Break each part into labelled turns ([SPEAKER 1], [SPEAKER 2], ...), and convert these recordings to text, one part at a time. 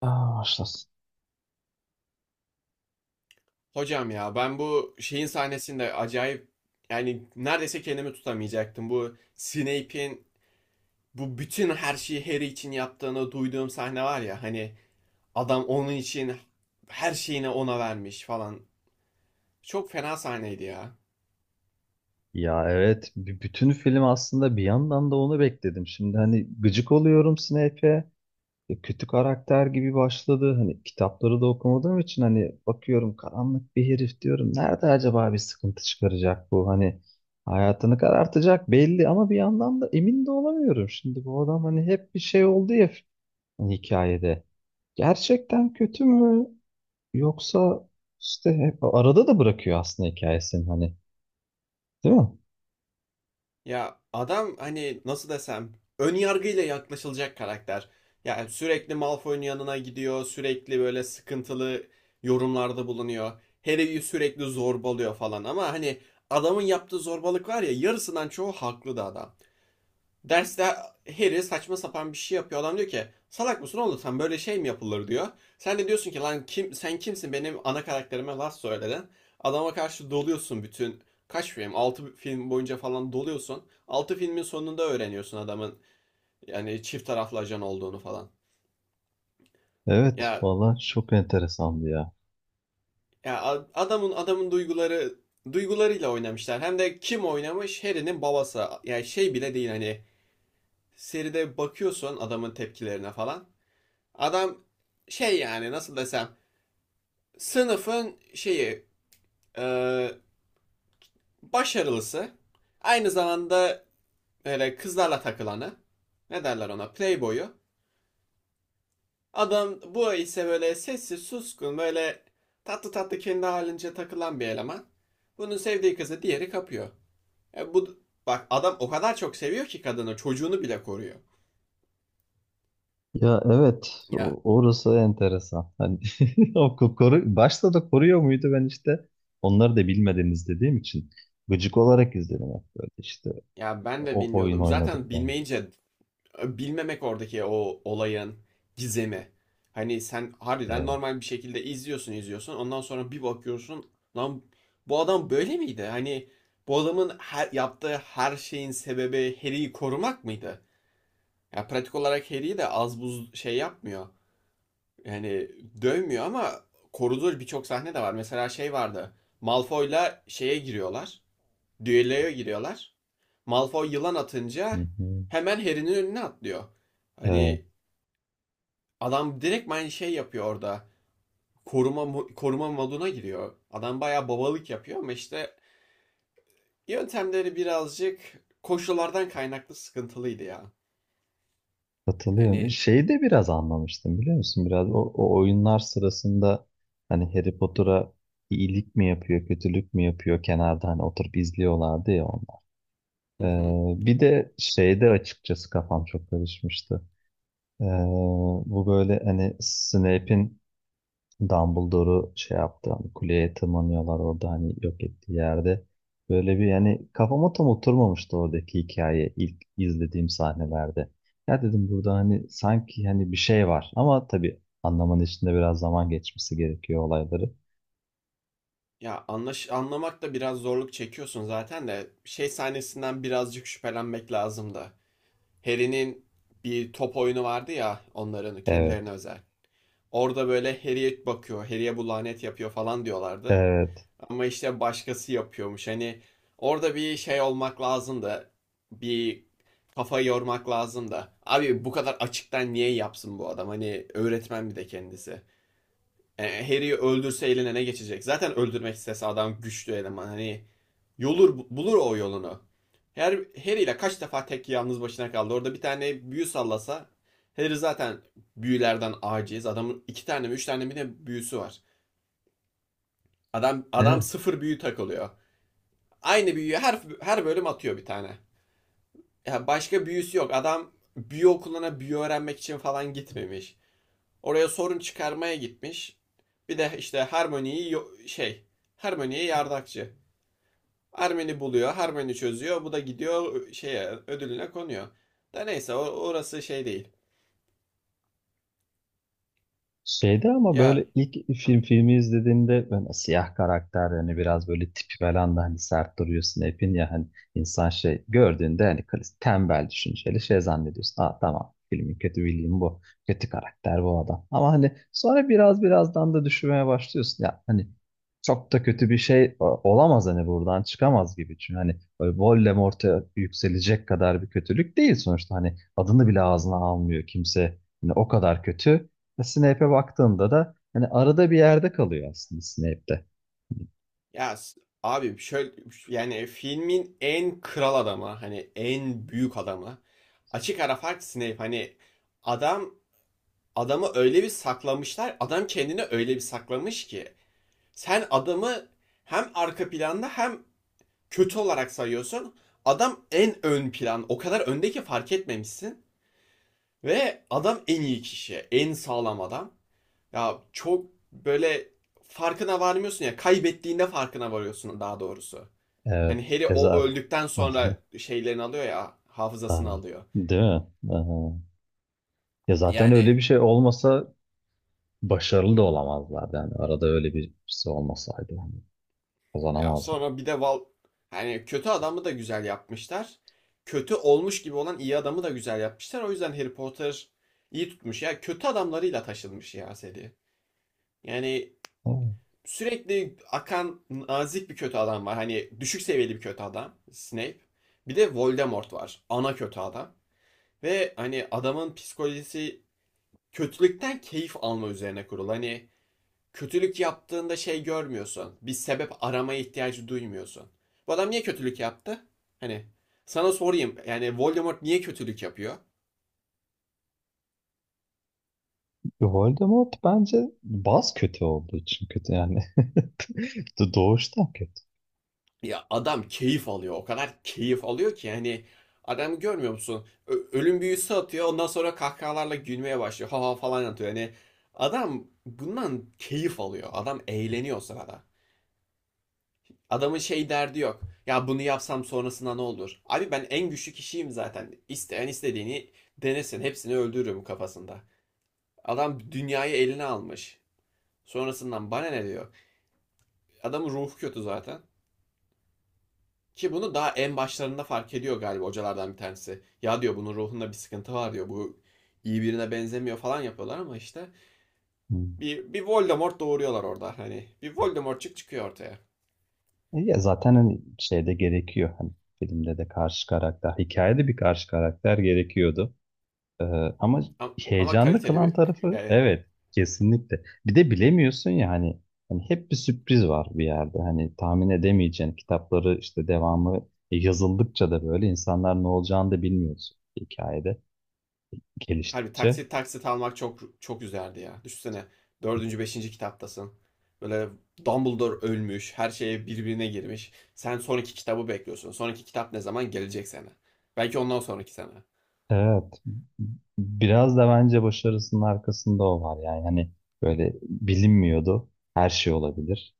[SPEAKER 1] Başlasın.
[SPEAKER 2] Hocam ya ben bu şeyin sahnesinde acayip yani neredeyse kendimi tutamayacaktım. Bu Snape'in bu bütün her şeyi Harry için yaptığını duyduğum sahne var ya hani adam onun için her şeyini ona vermiş falan. Çok fena sahneydi ya.
[SPEAKER 1] Ya evet, bütün film aslında bir yandan da onu bekledim. Şimdi hani gıcık oluyorum Snape'e. Kötü karakter gibi başladı. Hani kitapları da okumadığım için hani bakıyorum karanlık bir herif diyorum. Nerede acaba bir sıkıntı çıkaracak bu? Hani hayatını karartacak belli ama bir yandan da emin de olamıyorum. Şimdi bu adam hani hep bir şey oldu ya hani hikayede. Gerçekten kötü mü? Yoksa işte hep arada da bırakıyor aslında hikayesini hani. Değil mi?
[SPEAKER 2] Ya adam hani nasıl desem ön yargıyla yaklaşılacak karakter. Yani sürekli Malfoy'un yanına gidiyor, sürekli böyle sıkıntılı yorumlarda bulunuyor. Harry'i sürekli zorbalıyor falan ama hani adamın yaptığı zorbalık var ya yarısından çoğu haklı da adam. Derste Harry saçma sapan bir şey yapıyor. Adam diyor ki salak mısın oğlum sen böyle şey mi yapılır diyor. Sen de diyorsun ki lan kim sen kimsin benim ana karakterime laf söyledin. Adama karşı doluyorsun bütün kaç film 6 film boyunca falan doluyorsun. Altı filmin sonunda öğreniyorsun adamın yani çift taraflı ajan olduğunu falan.
[SPEAKER 1] Evet,
[SPEAKER 2] Ya
[SPEAKER 1] valla çok enteresandı ya.
[SPEAKER 2] ya adamın duygularıyla oynamışlar. Hem de kim oynamış? Harry'nin babası. Yani şey bile değil hani seride bakıyorsun adamın tepkilerine falan. Adam şey yani nasıl desem sınıfın şeyi e, başarılısı aynı zamanda böyle kızlarla takılanı ne derler ona playboyu. Adam bu ise böyle sessiz suskun böyle tatlı tatlı kendi halince takılan bir eleman. Bunun sevdiği kızı diğeri kapıyor. E bu bak adam o kadar çok seviyor ki kadını çocuğunu bile koruyor.
[SPEAKER 1] Ya evet,
[SPEAKER 2] Ya
[SPEAKER 1] orası enteresan. Hani o koru, başta da koruyor muydu ben işte onları da bilmeden izlediğim için gıcık olarak izledim hep böyle işte
[SPEAKER 2] ya ben de
[SPEAKER 1] o oyun
[SPEAKER 2] bilmiyordum.
[SPEAKER 1] oynadık
[SPEAKER 2] Zaten
[SPEAKER 1] ben.
[SPEAKER 2] bilmeyince bilmemek oradaki o olayın gizemi. Hani sen harbiden
[SPEAKER 1] Evet,
[SPEAKER 2] normal bir şekilde izliyorsun izliyorsun. Ondan sonra bir bakıyorsun lan bu adam böyle miydi? Hani bu adamın her, yaptığı her şeyin sebebi Harry'i korumak mıydı? Ya pratik olarak Harry'i de az buz şey yapmıyor. Yani dövmüyor ama koruduğu birçok sahne de var. Mesela şey vardı. Malfoy'la şeye giriyorlar. Düelloya giriyorlar. Malfoy yılan
[SPEAKER 1] hı
[SPEAKER 2] atınca
[SPEAKER 1] hı.
[SPEAKER 2] hemen Harry'nin önüne atlıyor.
[SPEAKER 1] Evet,
[SPEAKER 2] Hani adam direkt aynı şey yapıyor orada. Koruma koruma moduna giriyor. Adam bayağı babalık yapıyor ama işte yöntemleri birazcık koşullardan kaynaklı sıkıntılıydı ya.
[SPEAKER 1] katılıyorum.
[SPEAKER 2] Yani
[SPEAKER 1] Şeyi de biraz anlamıştım biliyor musun? Biraz o oyunlar sırasında hani Harry Potter'a iyilik mi yapıyor, kötülük mü yapıyor kenarda hani oturup izliyorlardı ya.
[SPEAKER 2] hı hı.
[SPEAKER 1] Bir de şeyde açıkçası kafam çok karışmıştı. Ee, Bu böyle hani Snape'in Dumbledore'u şey yaptı, hani kuleye tırmanıyorlar orada hani yok ettiği yerde. Böyle bir yani kafama tam oturmamıştı oradaki hikaye ilk izlediğim sahnelerde. Ya dedim burada hani sanki hani bir şey var ama tabii anlamanın içinde biraz zaman geçmesi gerekiyor olayları.
[SPEAKER 2] Ya anlamak da biraz zorluk çekiyorsun zaten de şey sahnesinden birazcık şüphelenmek lazım da. Harry'nin bir top oyunu vardı ya onların kendilerine
[SPEAKER 1] Evet,
[SPEAKER 2] özel. Orada böyle Harry'e bakıyor, Harry'e bu lanet yapıyor falan diyorlardı.
[SPEAKER 1] evet.
[SPEAKER 2] Ama işte başkası yapıyormuş. Hani orada bir şey olmak lazım da bir kafa yormak lazım da. Abi bu kadar açıktan niye yapsın bu adam? Hani öğretmen bir de kendisi. E, Harry'i öldürse eline ne geçecek? Zaten öldürmek istese adam güçlü eleman. Hani yolur bulur o yolunu. Her Harry ile kaç defa tek yalnız başına kaldı. Orada bir tane büyü sallasa Harry zaten büyülerden aciz. Adamın iki tane mi üç tane mi ne büyüsü var. Adam
[SPEAKER 1] Evet.
[SPEAKER 2] sıfır büyü takılıyor. Aynı büyüyü her bölüm atıyor bir tane. Ya başka büyüsü yok. Adam büyü okuluna büyü öğrenmek için falan gitmemiş. Oraya sorun çıkarmaya gitmiş. Bir de işte Harmony'yi şey, Harmony'ye yardakçı. Harmony buluyor, Harmony çözüyor. Bu da gidiyor şeye ödülüne konuyor. Da neyse orası şey değil.
[SPEAKER 1] Şeyde ama böyle
[SPEAKER 2] Ya,
[SPEAKER 1] ilk
[SPEAKER 2] hı.
[SPEAKER 1] filmi izlediğimde ben siyah karakter yani biraz böyle tipi falan da hani sert duruyor Snape'in ya hani insan şey gördüğünde hani tembel düşünceli şey zannediyorsun. Aa tamam filmin kötü bildiğim bu. Kötü karakter bu adam. Ama hani sonra birazdan da düşünmeye başlıyorsun. Ya hani çok da kötü bir şey olamaz hani buradan çıkamaz gibi. Çünkü hani böyle Voldemort'a yükselecek kadar bir kötülük değil sonuçta. Hani adını bile ağzına almıyor kimse. Hani o kadar kötü. Snape'e baktığında da hani arada bir yerde kalıyor aslında Snape'de.
[SPEAKER 2] Ya abi şöyle yani filmin en kral adamı hani en büyük adamı açık ara fark Snape hani adam adamı öyle bir saklamışlar adam kendini öyle bir saklamış ki sen adamı hem arka planda hem kötü olarak sayıyorsun. Adam en ön plan. O kadar önde ki fark etmemişsin. Ve adam en iyi kişi. En sağlam adam. Ya çok böyle farkına varmıyorsun ya. Kaybettiğinde farkına varıyorsun daha doğrusu. Hani
[SPEAKER 1] Evet.
[SPEAKER 2] Harry
[SPEAKER 1] E
[SPEAKER 2] o
[SPEAKER 1] zaten.
[SPEAKER 2] öldükten sonra şeylerini alıyor ya.
[SPEAKER 1] Aa,
[SPEAKER 2] Hafızasını alıyor.
[SPEAKER 1] Değil mi? Aha. Ya zaten öyle
[SPEAKER 2] Yani
[SPEAKER 1] bir şey olmasa başarılı da olamazlardı. Yani arada öyle birisi olmasaydı yani
[SPEAKER 2] ya
[SPEAKER 1] kazanamazlar.
[SPEAKER 2] sonra bir de yani kötü adamı da güzel yapmışlar. Kötü olmuş gibi olan iyi adamı da güzel yapmışlar. O yüzden Harry Potter iyi tutmuş ya. Kötü adamlarıyla taşınmış ya seri. Yani
[SPEAKER 1] Ama
[SPEAKER 2] sürekli akan nazik bir kötü adam var. Hani düşük seviyeli bir kötü adam Snape. Bir de Voldemort var. Ana kötü adam. Ve hani adamın psikolojisi kötülükten keyif alma üzerine kurulu. Hani kötülük yaptığında şey görmüyorsun. Bir sebep aramaya ihtiyacı duymuyorsun. Bu adam niye kötülük yaptı? Hani sana sorayım. Yani Voldemort niye kötülük yapıyor?
[SPEAKER 1] Voldemort bence baz kötü olduğu için kötü yani. Doğuştan kötü.
[SPEAKER 2] Ya adam keyif alıyor. O kadar keyif alıyor ki hani adamı görmüyor musun? Ölüm büyüsü atıyor. Ondan sonra kahkahalarla gülmeye başlıyor. Ha ha falan atıyor. Yani adam bundan keyif alıyor. Adam eğleniyor o sırada. Adamın şey derdi yok. Ya bunu yapsam sonrasında ne olur? Abi ben en güçlü kişiyim zaten. İsteyen istediğini denesin. Hepsini öldürürüm kafasında. Adam dünyayı eline almış. Sonrasından bana ne diyor? Adamın ruhu kötü zaten. Ki bunu daha en başlarında fark ediyor galiba hocalardan bir tanesi. Ya diyor bunun ruhunda bir sıkıntı var diyor. Bu iyi birine benzemiyor falan yapıyorlar ama işte
[SPEAKER 1] Hmm.
[SPEAKER 2] bir Voldemort doğuruyorlar orada. Hani bir Voldemortçuk çıkıyor ortaya.
[SPEAKER 1] E ya zaten hani şeyde gerekiyor. Hani filmde de karşı karakter, hikayede bir karşı karakter gerekiyordu. Ee, ama
[SPEAKER 2] Ama
[SPEAKER 1] heyecanlı
[SPEAKER 2] kaliteli
[SPEAKER 1] kılan
[SPEAKER 2] bir
[SPEAKER 1] tarafı
[SPEAKER 2] yani
[SPEAKER 1] evet kesinlikle. Bir de bilemiyorsun ya hani, hani hep bir sürpriz var bir yerde. Hani tahmin edemeyeceğin kitapları işte devamı yazıldıkça da böyle insanlar ne olacağını da bilmiyorsun hikayede
[SPEAKER 2] harbi
[SPEAKER 1] geliştikçe.
[SPEAKER 2] taksit taksit almak çok çok güzeldi ya. Düşünsene dördüncü, beşinci kitaptasın. Böyle Dumbledore ölmüş, her şeye birbirine girmiş. Sen son iki kitabı bekliyorsun. Son iki kitap ne zaman gelecek sana? Belki ondan sonraki sene.
[SPEAKER 1] Evet, biraz da bence başarısının arkasında o var yani hani böyle bilinmiyordu, her şey olabilir.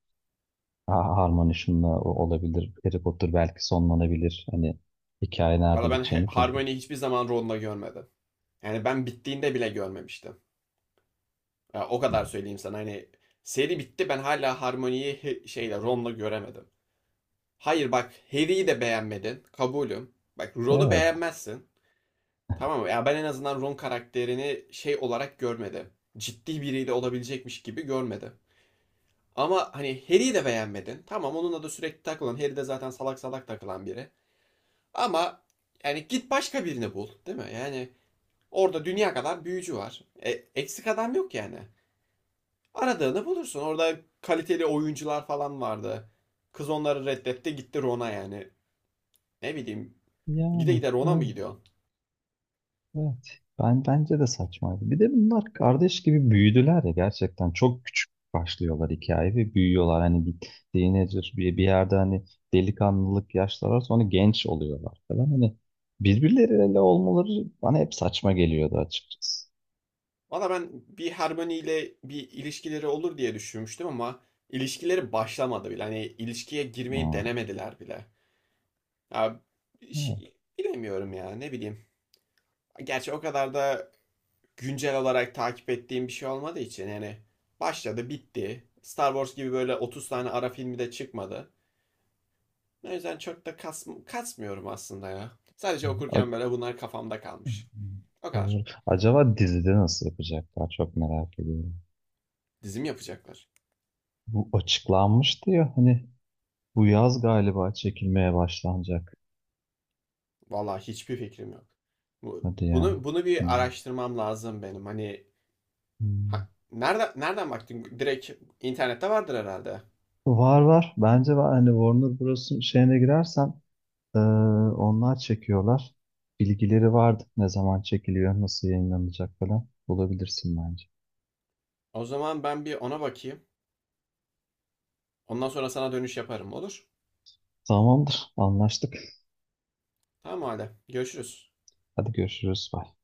[SPEAKER 1] Harmony şununla olabilir. Harry Potter belki sonlanabilir. Hani hikaye
[SPEAKER 2] Valla
[SPEAKER 1] nerede
[SPEAKER 2] ben
[SPEAKER 1] biteceğini kim bilir.
[SPEAKER 2] Hermione'yi hiçbir zaman Ron'la görmedim. Yani ben bittiğinde bile görmemiştim. Ya o kadar söyleyeyim sana hani seri bitti ben hala Harmony'yi şeyle Ron'la göremedim. Hayır bak Harry'i de beğenmedin. Kabulüm. Bak Ron'u
[SPEAKER 1] Evet.
[SPEAKER 2] beğenmezsin. Tamam mı? Ya ben en azından Ron karakterini şey olarak görmedim. Ciddi biriyle olabilecekmiş gibi görmedim. Ama hani Harry'i de beğenmedin. Tamam onunla da sürekli takılan. Harry de zaten salak salak takılan biri. Ama yani git başka birini bul, değil mi? Yani orada dünya kadar büyücü var. E, eksik adam yok yani. Aradığını bulursun. Orada kaliteli oyuncular falan vardı. Kız onları reddetti gitti Ron'a yani. Ne bileyim gide
[SPEAKER 1] Yani
[SPEAKER 2] gide Ron'a mı
[SPEAKER 1] evet,
[SPEAKER 2] gidiyor?
[SPEAKER 1] evet. Ben bence de saçmaydı. Bir de bunlar kardeş gibi büyüdüler ya, gerçekten çok küçük başlıyorlar hikaye ve büyüyorlar. Hani bir teenager bir yerde hani delikanlılık yaşları var, sonra genç oluyorlar falan. Hani birbirleriyle olmaları bana hep saçma geliyordu açıkçası.
[SPEAKER 2] Valla ben bir Hermione ile bir ilişkileri olur diye düşünmüştüm ama ilişkileri başlamadı bile. Hani ilişkiye girmeyi
[SPEAKER 1] Hmm.
[SPEAKER 2] denemediler bile. Ya,
[SPEAKER 1] Evet.
[SPEAKER 2] bilemiyorum ya ne bileyim. Gerçi o kadar da güncel olarak takip ettiğim bir şey olmadığı için yani başladı bitti. Star Wars gibi böyle 30 tane ara filmi de çıkmadı. O yüzden çok da kasmıyorum aslında ya. Sadece
[SPEAKER 1] A-
[SPEAKER 2] okurken böyle bunlar kafamda kalmış. O
[SPEAKER 1] Doğru.
[SPEAKER 2] kadar.
[SPEAKER 1] Acaba dizide nasıl yapacaklar çok merak ediyorum.
[SPEAKER 2] Dizim yapacaklar.
[SPEAKER 1] Bu açıklanmıştı ya hani bu yaz galiba çekilmeye başlanacak.
[SPEAKER 2] Vallahi hiçbir fikrim yok. Bu,
[SPEAKER 1] Hadi ya.
[SPEAKER 2] bunu bunu bir
[SPEAKER 1] Hmm.
[SPEAKER 2] araştırmam lazım benim. Hani
[SPEAKER 1] Hmm.
[SPEAKER 2] ha, nereden nereden baktın? Direkt internette vardır herhalde.
[SPEAKER 1] Var var. Bence var. Hani Warner Bros'un şeyine girersen eee, onlar çekiyorlar. Bilgileri vardı. Ne zaman çekiliyor, nasıl yayınlanacak falan. Bulabilirsin bence.
[SPEAKER 2] O zaman ben bir ona bakayım. Ondan sonra sana dönüş yaparım olur?
[SPEAKER 1] Tamamdır. Anlaştık.
[SPEAKER 2] Tamam hadi. Görüşürüz.
[SPEAKER 1] Hadi görüşürüz. Bye.